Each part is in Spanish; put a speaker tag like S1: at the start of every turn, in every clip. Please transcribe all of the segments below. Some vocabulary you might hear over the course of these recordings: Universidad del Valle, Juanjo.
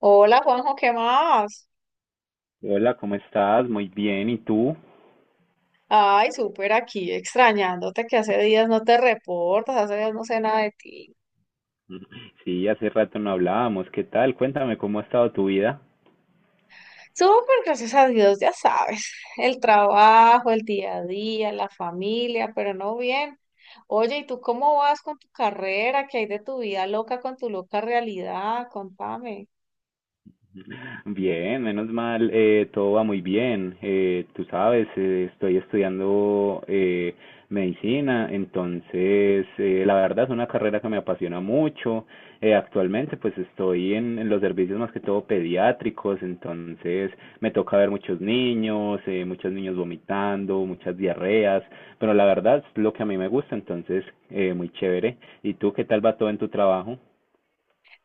S1: Hola Juanjo, ¿qué más?
S2: Hola, ¿cómo estás? Muy bien, ¿y tú?
S1: Ay, súper aquí, extrañándote que hace días no te reportas, hace días no sé nada de ti.
S2: Sí, hace rato no hablábamos. ¿Qué tal? Cuéntame cómo ha estado tu vida.
S1: Súper, gracias a Dios, ya sabes, el trabajo, el día a día, la familia, pero no bien. Oye, ¿y tú cómo vas con tu carrera? ¿Qué hay de tu vida loca con tu loca realidad? Contame.
S2: Bien, menos mal, todo va muy bien. Tú sabes, estoy estudiando medicina, entonces la verdad es una carrera que me apasiona mucho. Actualmente pues estoy en los servicios más que todo pediátricos, entonces me toca ver muchos niños vomitando, muchas diarreas, pero la verdad es lo que a mí me gusta, entonces muy chévere. ¿Y tú qué tal va todo en tu trabajo?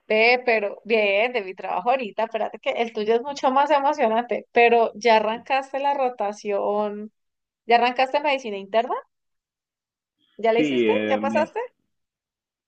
S1: Ve, pero bien, de mi trabajo ahorita, espérate que el tuyo es mucho más emocionante, pero ¿ya arrancaste la rotación? ¿Ya arrancaste medicina interna? ¿Ya la
S2: Sí,
S1: hiciste? ¿Ya pasaste?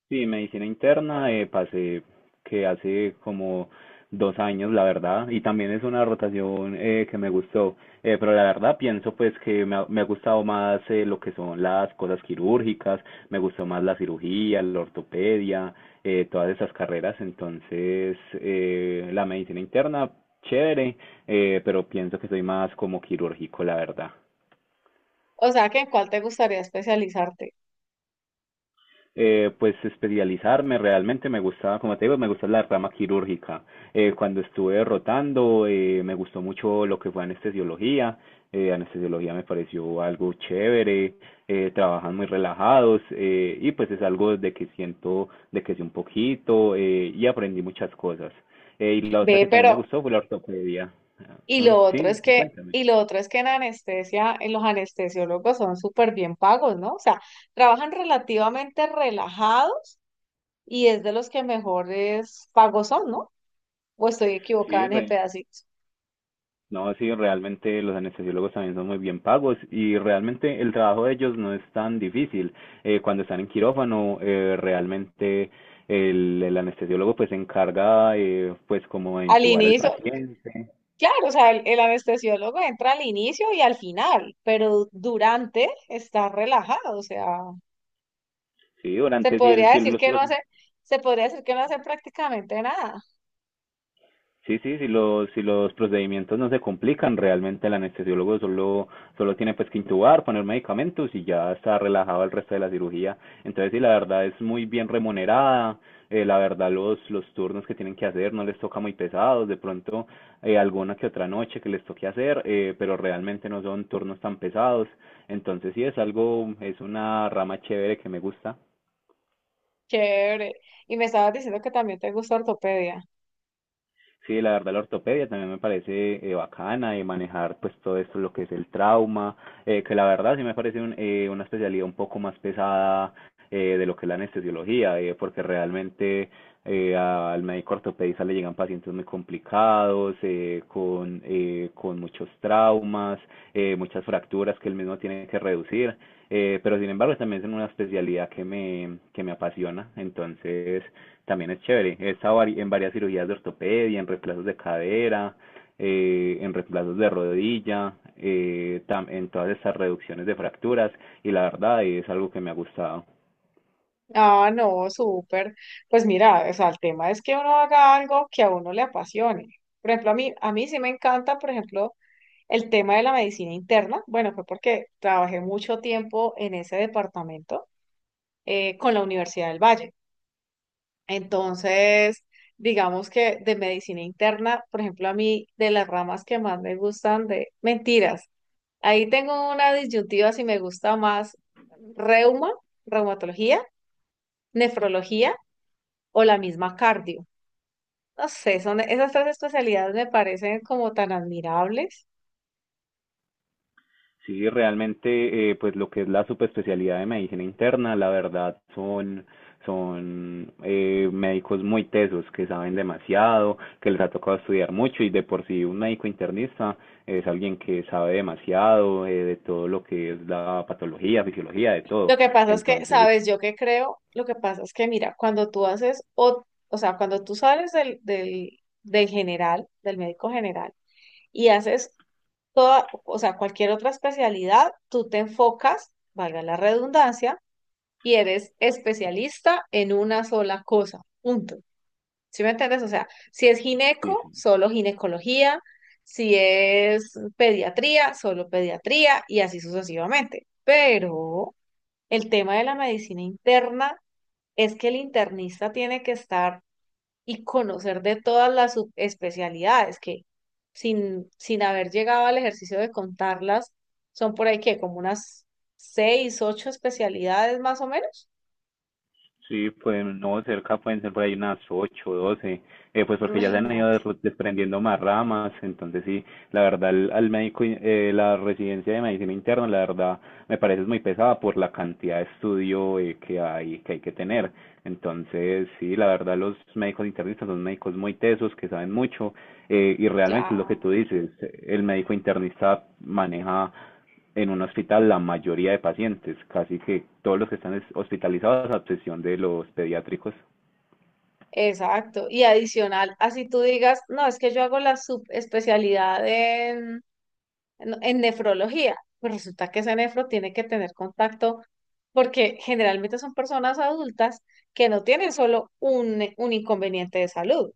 S2: sí, medicina interna, pasé que hace como 2 años, la verdad, y también es una rotación que me gustó, pero la verdad pienso pues que me ha gustado más lo que son las cosas quirúrgicas, me gustó más la cirugía, la ortopedia, todas esas carreras, entonces la medicina interna, chévere, pero pienso que soy más como quirúrgico, la verdad.
S1: O sea, ¿que en cuál te gustaría especializarte?
S2: Pues especializarme realmente me gustaba, como te digo, me gusta la rama quirúrgica. Cuando estuve rotando, me gustó mucho lo que fue anestesiología. Anestesiología me pareció algo chévere, trabajan muy relajados y pues es algo de que siento, de que sé un poquito y aprendí muchas cosas. Y la otra
S1: Ve,
S2: que también me
S1: pero,
S2: gustó fue la ortopedia. Ah,
S1: y
S2: mm,
S1: lo otro
S2: sí,
S1: es que,
S2: cuéntame.
S1: y lo otro es que en anestesia, en los anestesiólogos son súper bien pagos, ¿no? O sea, trabajan relativamente relajados y es de los que mejores pagos son, ¿no? O estoy equivocada en ese pedacito.
S2: No, sí, realmente los anestesiólogos también son muy bien pagos y realmente el trabajo de ellos no es tan difícil. Cuando están en quirófano, realmente el anestesiólogo pues se encarga pues como de
S1: Al
S2: intubar al
S1: inicio,
S2: paciente.
S1: claro, o sea, el anestesiólogo entra al inicio y al final, pero durante está relajado, o sea,
S2: Sí,
S1: se
S2: durante si, el,
S1: podría
S2: si
S1: decir
S2: los
S1: que no hace,
S2: procesos.
S1: se podría decir que no hace prácticamente nada.
S2: Sí, sí, si los procedimientos no se complican, realmente el anestesiólogo solo tiene pues que intubar, poner medicamentos y ya está relajado el resto de la cirugía. Entonces, sí, la verdad es muy bien remunerada, la verdad los turnos que tienen que hacer no les toca muy pesados, de pronto alguna que otra noche que les toque hacer, pero realmente no son turnos tan pesados. Entonces, sí, es algo, es una rama chévere que me gusta.
S1: Chévere. Y me estabas diciendo que también te gusta ortopedia.
S2: Sí, la verdad, la ortopedia también me parece bacana y manejar pues todo esto, lo que es el trauma, que la verdad sí me parece una especialidad un poco más pesada de lo que es la anestesiología, porque realmente al médico ortopedista le llegan pacientes muy complicados, con muchos traumas, muchas fracturas que él mismo tiene que reducir, pero sin embargo también es una especialidad que me apasiona, entonces también es chévere. He estado en varias cirugías de ortopedia, en reemplazos de cadera, en reemplazos de rodilla, en todas estas reducciones de fracturas y la verdad es algo que me ha gustado.
S1: Ah, no, súper. Pues mira, o sea, el tema es que uno haga algo que a uno le apasione. Por ejemplo, a mí sí me encanta, por ejemplo, el tema de la medicina interna. Bueno, fue porque trabajé mucho tiempo en ese departamento con la Universidad del Valle. Entonces, digamos que de medicina interna, por ejemplo, a mí de las ramas que más me gustan de mentiras. Ahí tengo una disyuntiva si me gusta más reuma, reumatología, nefrología o la misma cardio. No sé, son esas tres especialidades me parecen como tan admirables.
S2: Sí, realmente, pues lo que es la subespecialidad de medicina interna, la verdad, son médicos muy tesos, que saben demasiado, que les ha tocado estudiar mucho y de por sí un médico internista es alguien que sabe demasiado de todo lo que es la patología, fisiología, de todo.
S1: Lo que pasa es que,
S2: Entonces,
S1: sabes, yo que creo, lo que pasa es que, mira, cuando tú haces, o sea, cuando tú sales del general, del médico general, y haces toda, o sea, cualquier otra especialidad, tú te enfocas, valga la redundancia, y eres especialista en una sola cosa, punto. ¿Sí me entiendes? O sea, si es
S2: sí,
S1: gineco,
S2: sí.
S1: solo ginecología, si es pediatría, solo pediatría y así sucesivamente. Pero el tema de la medicina interna es que el internista tiene que estar y conocer de todas las subespecialidades que sin haber llegado al ejercicio de contarlas, son por ahí que como unas seis, ocho especialidades más o menos.
S2: Sí, pues no, cerca pueden ser por ahí unas 8 12 pues porque ya se han ido
S1: Imagínate.
S2: desprendiendo más ramas, entonces sí, la verdad, al médico, la residencia de medicina interna, la verdad, me parece es muy pesada por la cantidad de estudio que hay, que hay que tener. Entonces, sí, la verdad, los médicos internistas son médicos muy tesos, que saben mucho, y realmente es lo que
S1: Claro,
S2: tú dices, el médico internista maneja en un hospital la mayoría de pacientes, casi que todos los que están hospitalizados, a excepción de los pediátricos.
S1: exacto. Y adicional, así tú digas, no, es que yo hago la subespecialidad en, en nefrología, pues resulta que ese nefro tiene que tener contacto porque generalmente son personas adultas que no tienen solo un inconveniente de salud.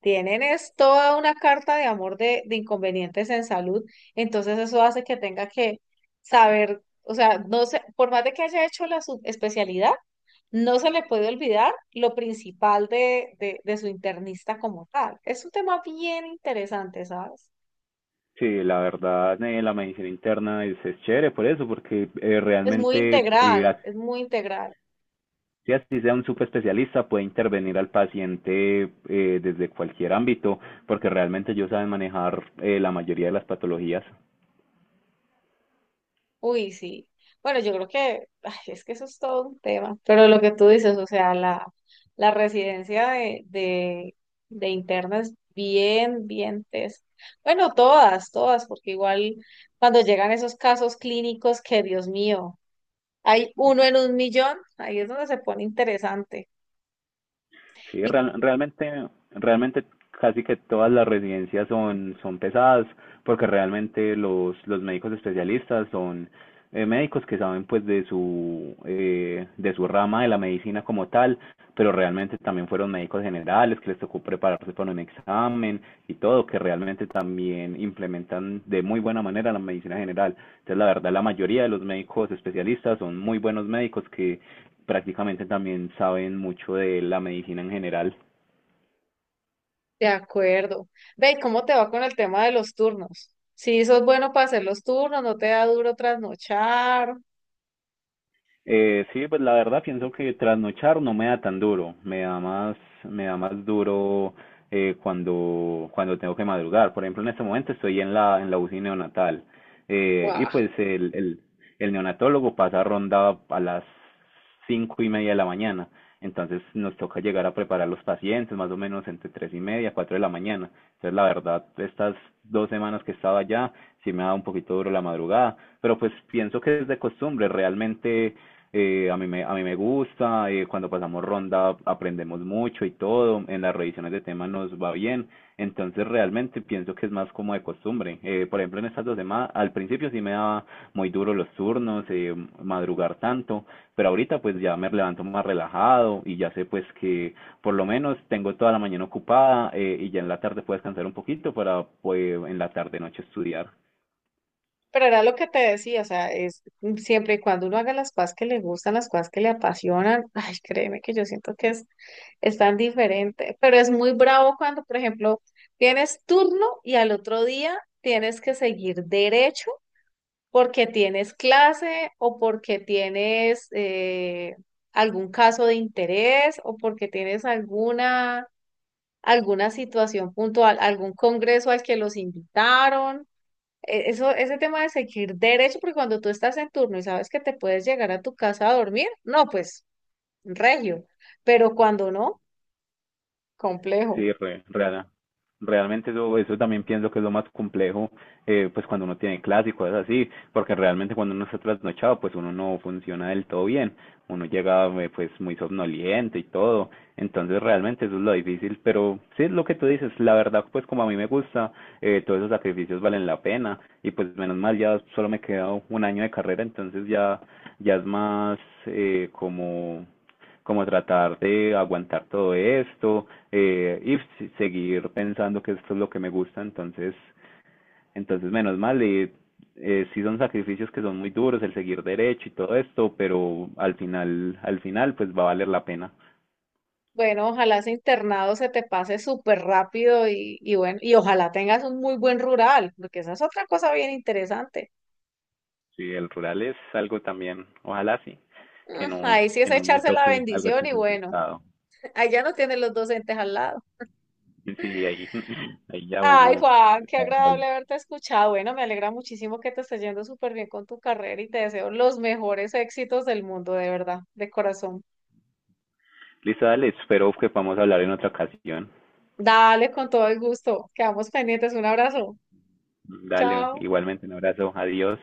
S1: Tienen es toda una carta de amor de inconvenientes en salud, entonces eso hace que tenga que saber, o sea, no sé, por más de que haya hecho la subespecialidad, no se le puede olvidar lo principal de su internista como tal. Es un tema bien interesante, ¿sabes?
S2: Sí, la verdad, la medicina interna es chévere por eso, porque
S1: Es muy
S2: realmente,
S1: integral,
S2: así,
S1: es muy integral.
S2: así sea un super especialista, puede intervenir al paciente desde cualquier ámbito, porque realmente ellos saben manejar la mayoría de las patologías.
S1: Uy, sí. Bueno, yo creo que ay, es que eso es todo un tema, pero lo que tú dices, o sea, la, la residencia de, de, de interna es bien, bien tesa. Bueno, todas, todas, porque igual cuando llegan esos casos clínicos que, Dios mío, hay uno en un millón, ahí es donde se pone interesante.
S2: Sí,
S1: Y
S2: realmente casi que todas las residencias son pesadas, porque realmente los médicos especialistas son médicos que saben pues de su rama de la medicina como tal, pero realmente también fueron médicos generales que les tocó prepararse para un examen y todo, que realmente también implementan de muy buena manera la medicina general. Entonces, la verdad, la mayoría de los médicos especialistas son muy buenos médicos que prácticamente también saben mucho de la medicina en general.
S1: de acuerdo. Ve, ¿cómo te va con el tema de los turnos? Si sos bueno para hacer los turnos, no te da duro trasnochar.
S2: Sí, pues la verdad pienso que trasnochar no me da tan duro, me da más duro cuando tengo que madrugar. Por ejemplo, en este momento estoy en la UCI neonatal y pues el neonatólogo pasa ronda a las 5:30 de la mañana. Entonces nos toca llegar a preparar los pacientes más o menos entre 3:30, 4 de la mañana. Entonces la verdad, estas dos semanas que estaba allá, sí me da un poquito duro la madrugada, pero pues pienso que es de costumbre, realmente a mí me gusta, cuando pasamos ronda aprendemos mucho y todo, en las revisiones de temas nos va bien, entonces realmente pienso que es más como de costumbre. Por ejemplo, en estas 2 semanas, al principio sí me daba muy duro los turnos, madrugar tanto, pero ahorita pues ya me levanto más relajado y ya sé pues que por lo menos tengo toda la mañana ocupada y ya en la tarde puedo descansar un poquito para pues en la tarde noche estudiar.
S1: Pero era lo que te decía, o sea, es siempre y cuando uno haga las cosas que le gustan, las cosas que le apasionan, ay, créeme que yo siento que es tan diferente, pero es muy bravo cuando, por ejemplo, tienes turno y al otro día tienes que seguir derecho porque tienes clase o porque tienes algún caso de interés o porque tienes alguna, alguna situación puntual, algún congreso al que los invitaron. Eso, ese tema de seguir derecho, porque cuando tú estás en turno y sabes que te puedes llegar a tu casa a dormir, no, pues, regio. Pero cuando no, complejo.
S2: Sí, realmente eso también pienso que es lo más complejo, pues cuando uno tiene clases y cosas así, porque realmente cuando uno está trasnochado, pues uno no funciona del todo bien. Uno llega pues muy somnoliento y todo, entonces realmente eso es lo difícil, pero sí es lo que tú dices, la verdad pues como a mí me gusta, todos esos sacrificios valen la pena y pues menos mal ya solo me queda un año de carrera, entonces ya es más eh, como como tratar de aguantar todo esto y seguir pensando que esto es lo que me gusta, entonces, menos mal, y sí son sacrificios que son muy duros, el seguir derecho y todo esto, pero al final, pues va a valer la pena.
S1: Bueno, ojalá ese internado se te pase súper rápido y bueno, y ojalá tengas un muy buen rural, porque esa es otra cosa bien interesante.
S2: Sí, el rural es algo también, ojalá sí, que
S1: Mm,
S2: no,
S1: ahí sí es
S2: que no me
S1: echarse la
S2: toque algo
S1: bendición
S2: tan
S1: y bueno,
S2: complicado.
S1: ahí ya no tienes los docentes al lado.
S2: Sí, ahí, ahí ya
S1: Ay,
S2: uno
S1: Juan, qué
S2: está solo.
S1: agradable haberte escuchado. Bueno, me alegra muchísimo que te esté yendo súper bien con tu carrera y te deseo los mejores éxitos del mundo, de verdad, de corazón.
S2: Listo, dale, espero que podamos hablar en otra ocasión.
S1: Dale con todo el gusto. Quedamos pendientes. Un abrazo.
S2: Dale,
S1: Chao.
S2: igualmente un abrazo, adiós.